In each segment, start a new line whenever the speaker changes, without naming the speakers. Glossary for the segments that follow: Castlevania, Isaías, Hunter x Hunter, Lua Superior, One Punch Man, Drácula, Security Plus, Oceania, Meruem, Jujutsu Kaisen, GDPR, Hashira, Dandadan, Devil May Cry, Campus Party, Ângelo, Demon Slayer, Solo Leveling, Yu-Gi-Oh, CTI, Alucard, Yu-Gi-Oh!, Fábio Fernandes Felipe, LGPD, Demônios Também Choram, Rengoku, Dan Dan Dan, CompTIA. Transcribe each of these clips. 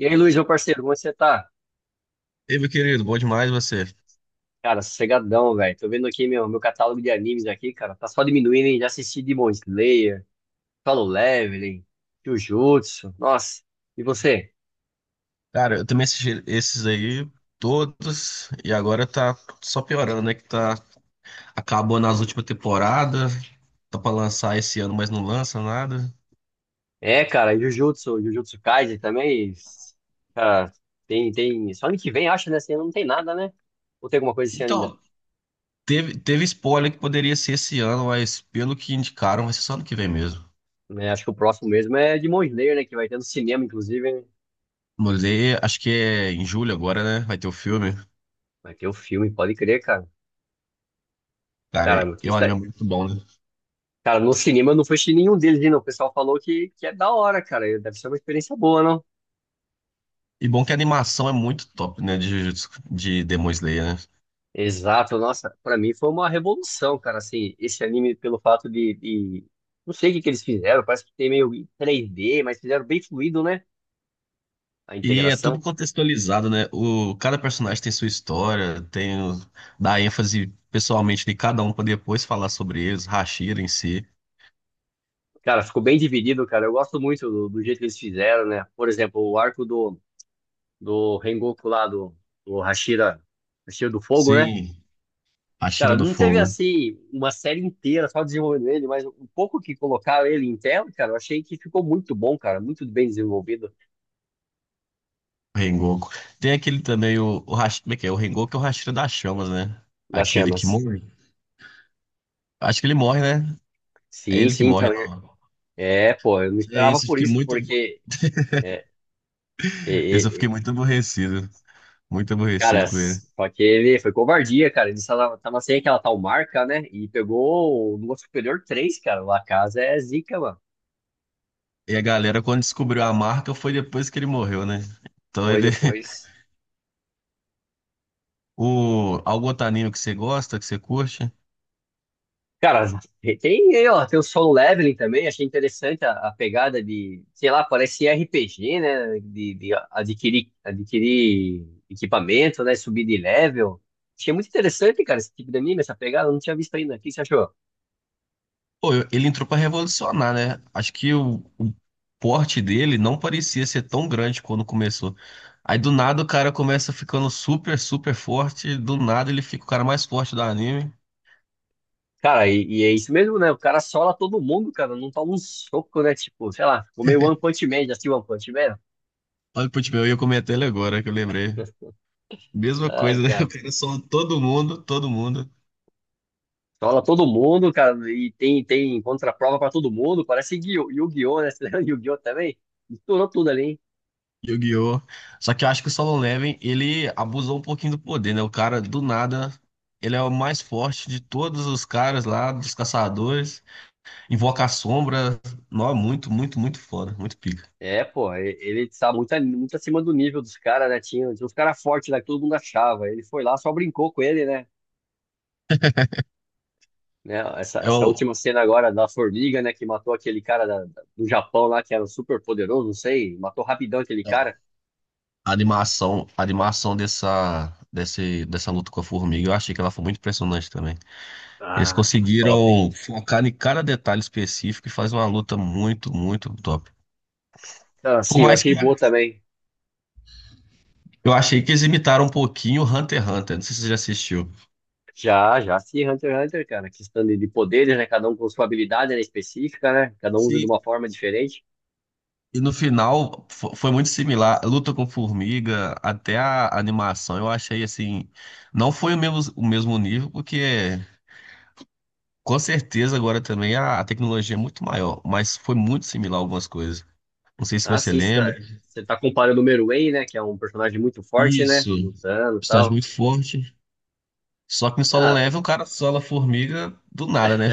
E aí, Luiz, meu parceiro, como você tá?
Ei, meu querido, bom demais você.
Cara, sossegadão, velho. Tô vendo aqui meu catálogo de animes aqui, cara. Tá só diminuindo, hein? Já assisti Demon Slayer, Solo Leveling, Jujutsu. Nossa, e você?
Cara, eu também assisti esses aí todos e agora tá só piorando, né? Que tá acabou nas últimas temporadas, tá pra lançar esse ano, mas não lança nada.
É, cara, Jujutsu Kaisen também. Cara, tem... Só ano que vem, acho, né? Esse ano não tem nada, né? Ou tem alguma coisa esse ano ainda?
Então, teve spoiler que poderia ser esse ano, mas pelo que indicaram, vai ser só ano que vem mesmo.
Né, acho que o próximo mesmo é Demon Slayer, né? Que vai ter no cinema, inclusive, né?
Mulher, acho que é em julho agora, né? Vai ter o filme.
Vai ter o filme, pode crer, cara.
Cara,
Cara, o que
e o
que tá...
anime é muito bom, né?
Cara, no cinema eu não fui assistir nenhum deles, não. O pessoal falou que é da hora, cara. Deve ser uma experiência boa, não?
E bom que a animação é muito top, né? De, de Demon Slayer, né?
Exato, nossa, pra mim foi uma revolução, cara, assim, esse anime pelo fato de. Não sei o que que eles fizeram, parece que tem meio 3D, mas fizeram bem fluido, né? A
E é tudo
integração.
contextualizado, né? O, cada personagem tem sua história, dá ênfase pessoalmente de cada um para depois falar sobre eles, Hashira em si.
Cara, ficou bem dividido, cara. Eu gosto muito do jeito que eles fizeram, né? Por exemplo, o arco do Rengoku lá, do Hashira, Hashira do Fogo, né?
Sim,
Cara,
Hashira do
não teve
Fogo,
assim uma série inteira só desenvolvendo ele, mas o pouco que colocaram ele em tela, cara, eu achei que ficou muito bom, cara, muito bem desenvolvido
Rengoku. Tem aquele também, o como é que é? O Rengoku é o Hashira das Chamas, né?
das
Aquele que
chamas.
morre. Acho que ele morre, né? É
Sim,
ele que
sim,
morre.
então, é,
Não.
é, pô, eu não
É
esperava
isso, eu
por
fiquei
isso,
muito.
porque, é, é,
Esse eu
é,
fiquei
é,
muito aborrecido. Muito
cara,
aborrecido com ele.
só que ele foi covardia, cara, ele tava, tava sem aquela tal marca, né, e pegou o Lua Superior três cara, o La Casa é zica, mano.
E a galera, quando descobriu a marca, foi depois que ele morreu, né? Então
Foi
ele.
depois.
O Algotanino que você gosta, que você curte.
Cara, tem, ó, tem o solo leveling também, achei interessante a pegada de, sei lá, parece RPG, né? De, adquirir, adquirir equipamento, né? Subir de level. Achei muito interessante, cara, esse tipo de anime, essa pegada, eu não tinha visto ainda. O que você achou?
Pô, ele entrou pra revolucionar, né? Acho que o porte dele não parecia ser tão grande quando começou. Aí do nada o cara começa ficando super, super forte. Do nada ele fica o cara mais forte do anime.
Cara, e é isso mesmo, né? O cara sola todo mundo, cara, não toma um soco, né? Tipo, sei lá, ficou meio One Punch Man, já assistiu One Punch Man?
Olha, putz, meu, eu ia comentar ele agora que eu lembrei. Mesma
Ai,
coisa, né? O
cara.
cara soma todo mundo, todo mundo.
Sola todo mundo, cara, e tem, tem contraprova pra todo mundo, parece Yu-Gi-Oh, né? Yu-Gi-Oh também. Misturou tudo ali, hein?
Yu-Gi-Oh! Só que eu acho que o Solo Leveling, ele abusou um pouquinho do poder, né? O cara, do nada, ele é o mais forte de todos os caras lá, dos caçadores. Invoca a sombra. Nó, muito, muito, muito foda. Muito pica.
É, pô, ele está muito, muito acima do nível dos caras, né? Tinha, tinha uns caras fortes lá que todo mundo achava. Ele foi lá, só brincou com ele, né? Né, Essa,
É
essa
o-
última cena agora da formiga, né? Que matou aquele cara do Japão lá, que era super poderoso, não sei. Matou rapidão aquele cara.
a animação dessa luta com a formiga, eu achei que ela foi muito impressionante também. Eles
Ah, top.
conseguiram focar em cada detalhe específico e faz uma luta muito, muito top.
Então,
Por
assim, eu
mais
achei
que
boa também.
eu achei que eles imitaram um pouquinho Hunter x Hunter. Não sei se você já assistiu.
Já, já, sim, Hunter x Hunter, cara. Questão de poderes, né? Cada um com sua habilidade, né, específica, né? Cada um usa de
Sim.
uma forma diferente.
E no final foi muito similar. Luta com formiga, até a animação, eu achei assim. Não foi o mesmo nível, porque com certeza agora também a tecnologia é muito maior, mas foi muito similar algumas coisas. Não sei se
Ah,
você
sim,
lembra.
você tá comparando o Meruem, né? Que é um personagem muito forte, né?
Isso.
Lutando e
Estágio
tal.
muito forte. Só que no Solo
Ah,
Level o cara sola a formiga do nada, né?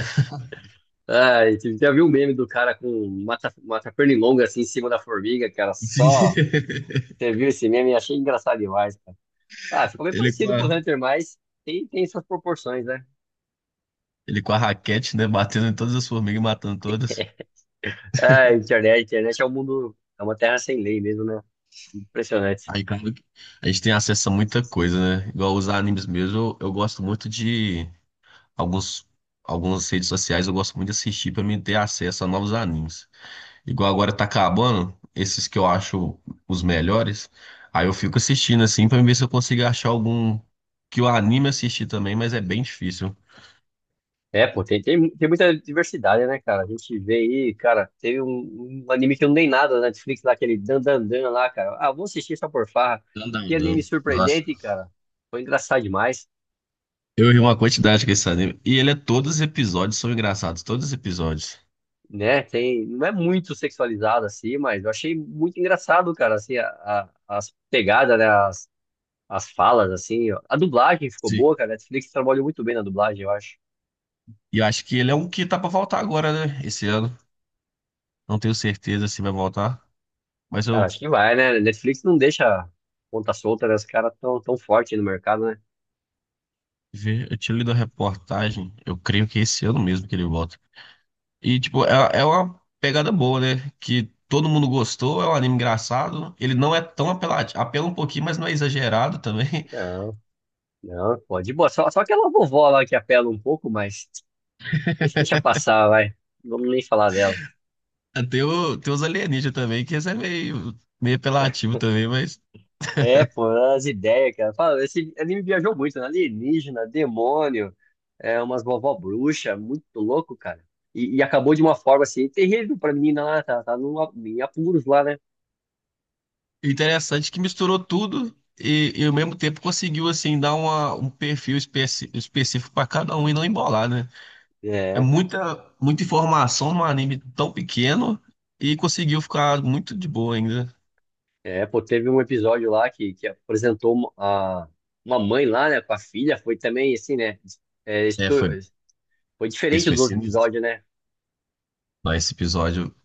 ai, você já viu o meme do cara com mata pernilonga assim em cima da formiga, cara? Só
Sim.
você viu esse meme e achei engraçado demais, cara. Ah, ficou bem
Ele com
parecido com o
a,
Hunter, mas tem, tem suas proporções, né?
ele com a raquete, né? Batendo em todas as formigas, e matando todas.
Ah, internet é um mundo, é uma terra sem lei mesmo, né? Impressionante.
Aí, cara, a gente tem acesso a muita coisa, né? Igual os animes mesmo, eu gosto muito de alguns, algumas redes sociais, eu gosto muito de assistir pra mim ter acesso a novos animes. Igual agora tá acabando, esses que eu acho os melhores, aí eu fico assistindo assim pra ver se eu consigo achar algum que o anime assistir também, mas é bem difícil.
É, pô, tem muita diversidade, né, cara? A gente vê aí, cara, teve um, um anime que eu não dei nada na Netflix lá, aquele Dan Dan Dan lá, cara. Ah, vou assistir só por farra. Que anime
Dandadan. Nossa.
surpreendente, cara. Foi engraçado demais.
Eu ri uma quantidade com esse anime. E ele é todos os episódios são engraçados, todos os episódios.
Né? Tem, não é muito sexualizado assim, mas eu achei muito engraçado, cara, assim, as pegadas, né? As falas, assim, ó. A dublagem ficou
Sim.
boa, cara. A Netflix trabalhou muito bem na dublagem, eu acho.
E eu acho que ele é um que tá pra voltar agora, né? Esse ano. Não tenho certeza se vai voltar, mas
Cara,
eu
acho que vai, né? Netflix não deixa ponta solta, né? Os caras tão forte no mercado, né?
vi, eu tinha lido a reportagem, eu creio que esse ano mesmo que ele volta. E, tipo, é uma pegada boa, né? Que todo mundo gostou, é um anime engraçado. Ele não é tão apelativo, apela um pouquinho, mas não é exagerado também.
Não, não, pode. Boa, só aquela vovó lá que apela um pouco, mas deixa passar, vai. Não vamos nem falar dela.
Tem, tem os alienígenas também, que esse é meio, meio apelativo também, mas
É, pô, as ideias, cara. Fala, esse anime viajou muito, né? Alienígena, demônio, é, umas vovó bruxa, muito louco, cara. E acabou de uma forma assim, terrível pra menina lá, tá, tá num, em apuros lá, né?
interessante que misturou tudo e ao mesmo tempo conseguiu, assim, dar uma, um perfil específico para cada um e não embolar, né? É
É,
muita, muita informação num anime tão pequeno e conseguiu ficar muito de boa ainda.
é, pô, teve um episódio lá que apresentou uma, uma mãe lá, né, com a filha, foi também assim, né? É,
É, foi,
foi
esse
diferente
foi
dos outros
sinistro.
episódios, né?
Não, esse episódio,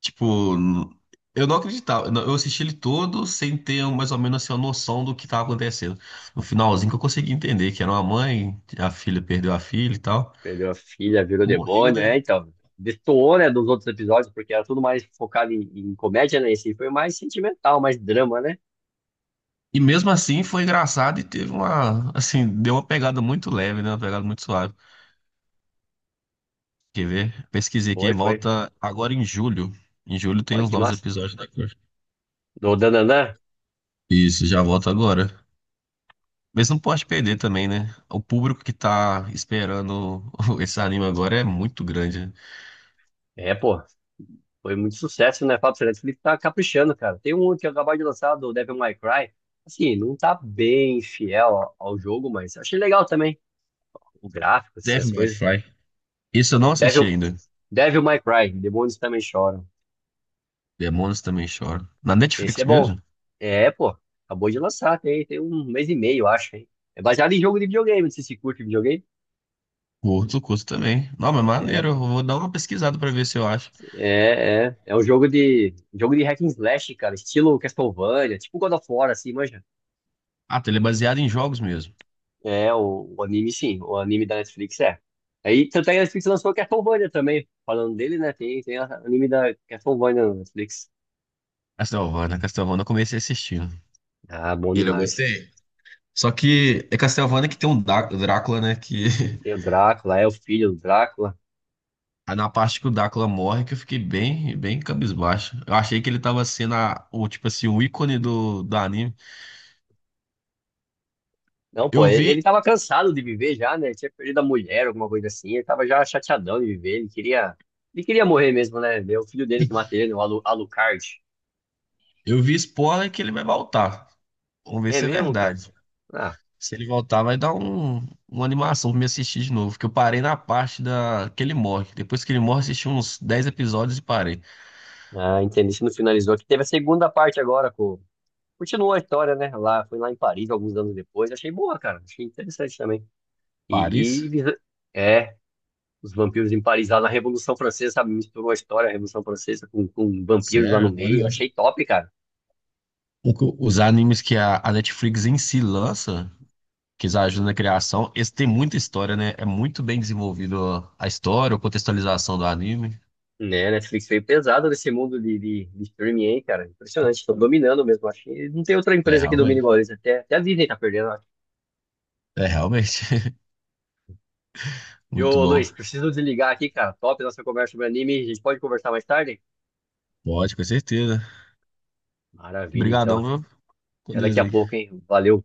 tipo, eu não acreditava. Não, eu assisti ele todo sem ter mais ou menos assim, uma noção do que tava acontecendo. No finalzinho que eu consegui entender que era uma mãe, a filha perdeu a filha e tal.
Perdeu a filha, virou
Morreu,
demônio, é,
né?
então. Destoou, né, dos outros episódios, porque era tudo mais focado em, em comédia, né? Esse foi mais sentimental, mais drama, né?
E mesmo assim foi engraçado e teve uma, assim, deu uma pegada muito leve, né? Uma pegada muito suave. Quer ver? Pesquisei aqui,
Foi, foi.
volta agora em julho. Em julho tem
Olha
os
que
novos
massa.
episódios da Cor.
Do Dananã.
Isso, já volta agora. Mas não pode perder também, né? O público que tá esperando esse anime agora é muito grande, né?
É, pô. Foi muito sucesso, né? Fábio Fernandes Felipe tá caprichando, cara. Tem um que eu acabei de lançar, do Devil May Cry. Assim, não tá bem fiel ao, ao jogo, mas achei legal também. O gráfico, assim,
Devil
as
May
coisas.
Cry. Isso eu não assisti
Devil,
ainda.
Devil May Cry, Demônios Também Choram.
Demônios também choram. Na
Esse
Netflix
é bom.
mesmo?
É, pô. Acabou de lançar, tem, tem um mês e meio, eu acho, hein? É baseado em jogo de videogame, não sei se curte videogame.
O outro curso também. Não, mas
É,
maneiro. Eu
pô.
vou dar uma pesquisada pra ver se eu acho.
É, é. É um jogo de hack and slash, cara, estilo Castlevania, tipo God of War, assim, manja.
Ah, tá, ele é baseado em jogos mesmo.
É, o anime, sim, o anime da Netflix é. Aí, tanto é que a Netflix lançou Castlevania também. Falando dele, né? Tem, tem anime da Castlevania na Netflix.
Castlevania, Castlevania eu comecei assistindo.
Ah, bom
Ele eu
demais.
gostei. Só que é Castlevania que tem um Drácula, né? Que
Tem o Drácula, é o filho do Drácula.
aí na parte que o Dacla morre, que eu fiquei bem, bem cabisbaixo. Eu achei que ele tava sendo tipo assim, o ícone do anime.
Não, pô,
Eu
ele
vi,
tava cansado de viver já, né? Tinha perdido a mulher, alguma coisa assim. Ele tava já chateadão de viver. Ele queria morrer mesmo, né? É o filho dele que mata ele, né? O Alucard.
eu vi spoiler que ele vai voltar. Vamos ver
É
se é
mesmo, cara?
verdade.
Ah,
Se ele voltar, vai dar uma animação pra me assistir de novo. Que eu parei na parte da, que ele morre. Depois que ele morre, assisti uns 10 episódios e parei.
entendi. Isso não finalizou. Aqui teve a segunda parte agora, com... Continuou a história, né? Lá, foi lá em Paris alguns anos depois. Achei boa, cara. Achei interessante também. E,
Paris?
e- é, os vampiros em Paris lá na Revolução Francesa, sabe? Misturou a história da Revolução Francesa com vampiros lá
Sério,
no
agora.
meio. Achei top, cara.
Os animes que a Netflix em si lança. Que já ajuda na criação. Esse tem muita história, né? É muito bem desenvolvido a história, a contextualização do anime.
Né, a Netflix veio pesado nesse mundo de streaming aí, cara. Impressionante, estão dominando mesmo. Acho que não tem outra
É,
empresa que domine
realmente.
igual eles. Até a Disney tá perdendo, acho.
É realmente
E
muito
ô,
bom.
Luiz, preciso desligar aqui, cara. Top nossa conversa sobre anime. A gente pode conversar mais tarde?
Pode, com certeza.
Maravilha, então.
Obrigadão, viu? Com
Até daqui
Deus
a
aí.
pouco, hein? Valeu.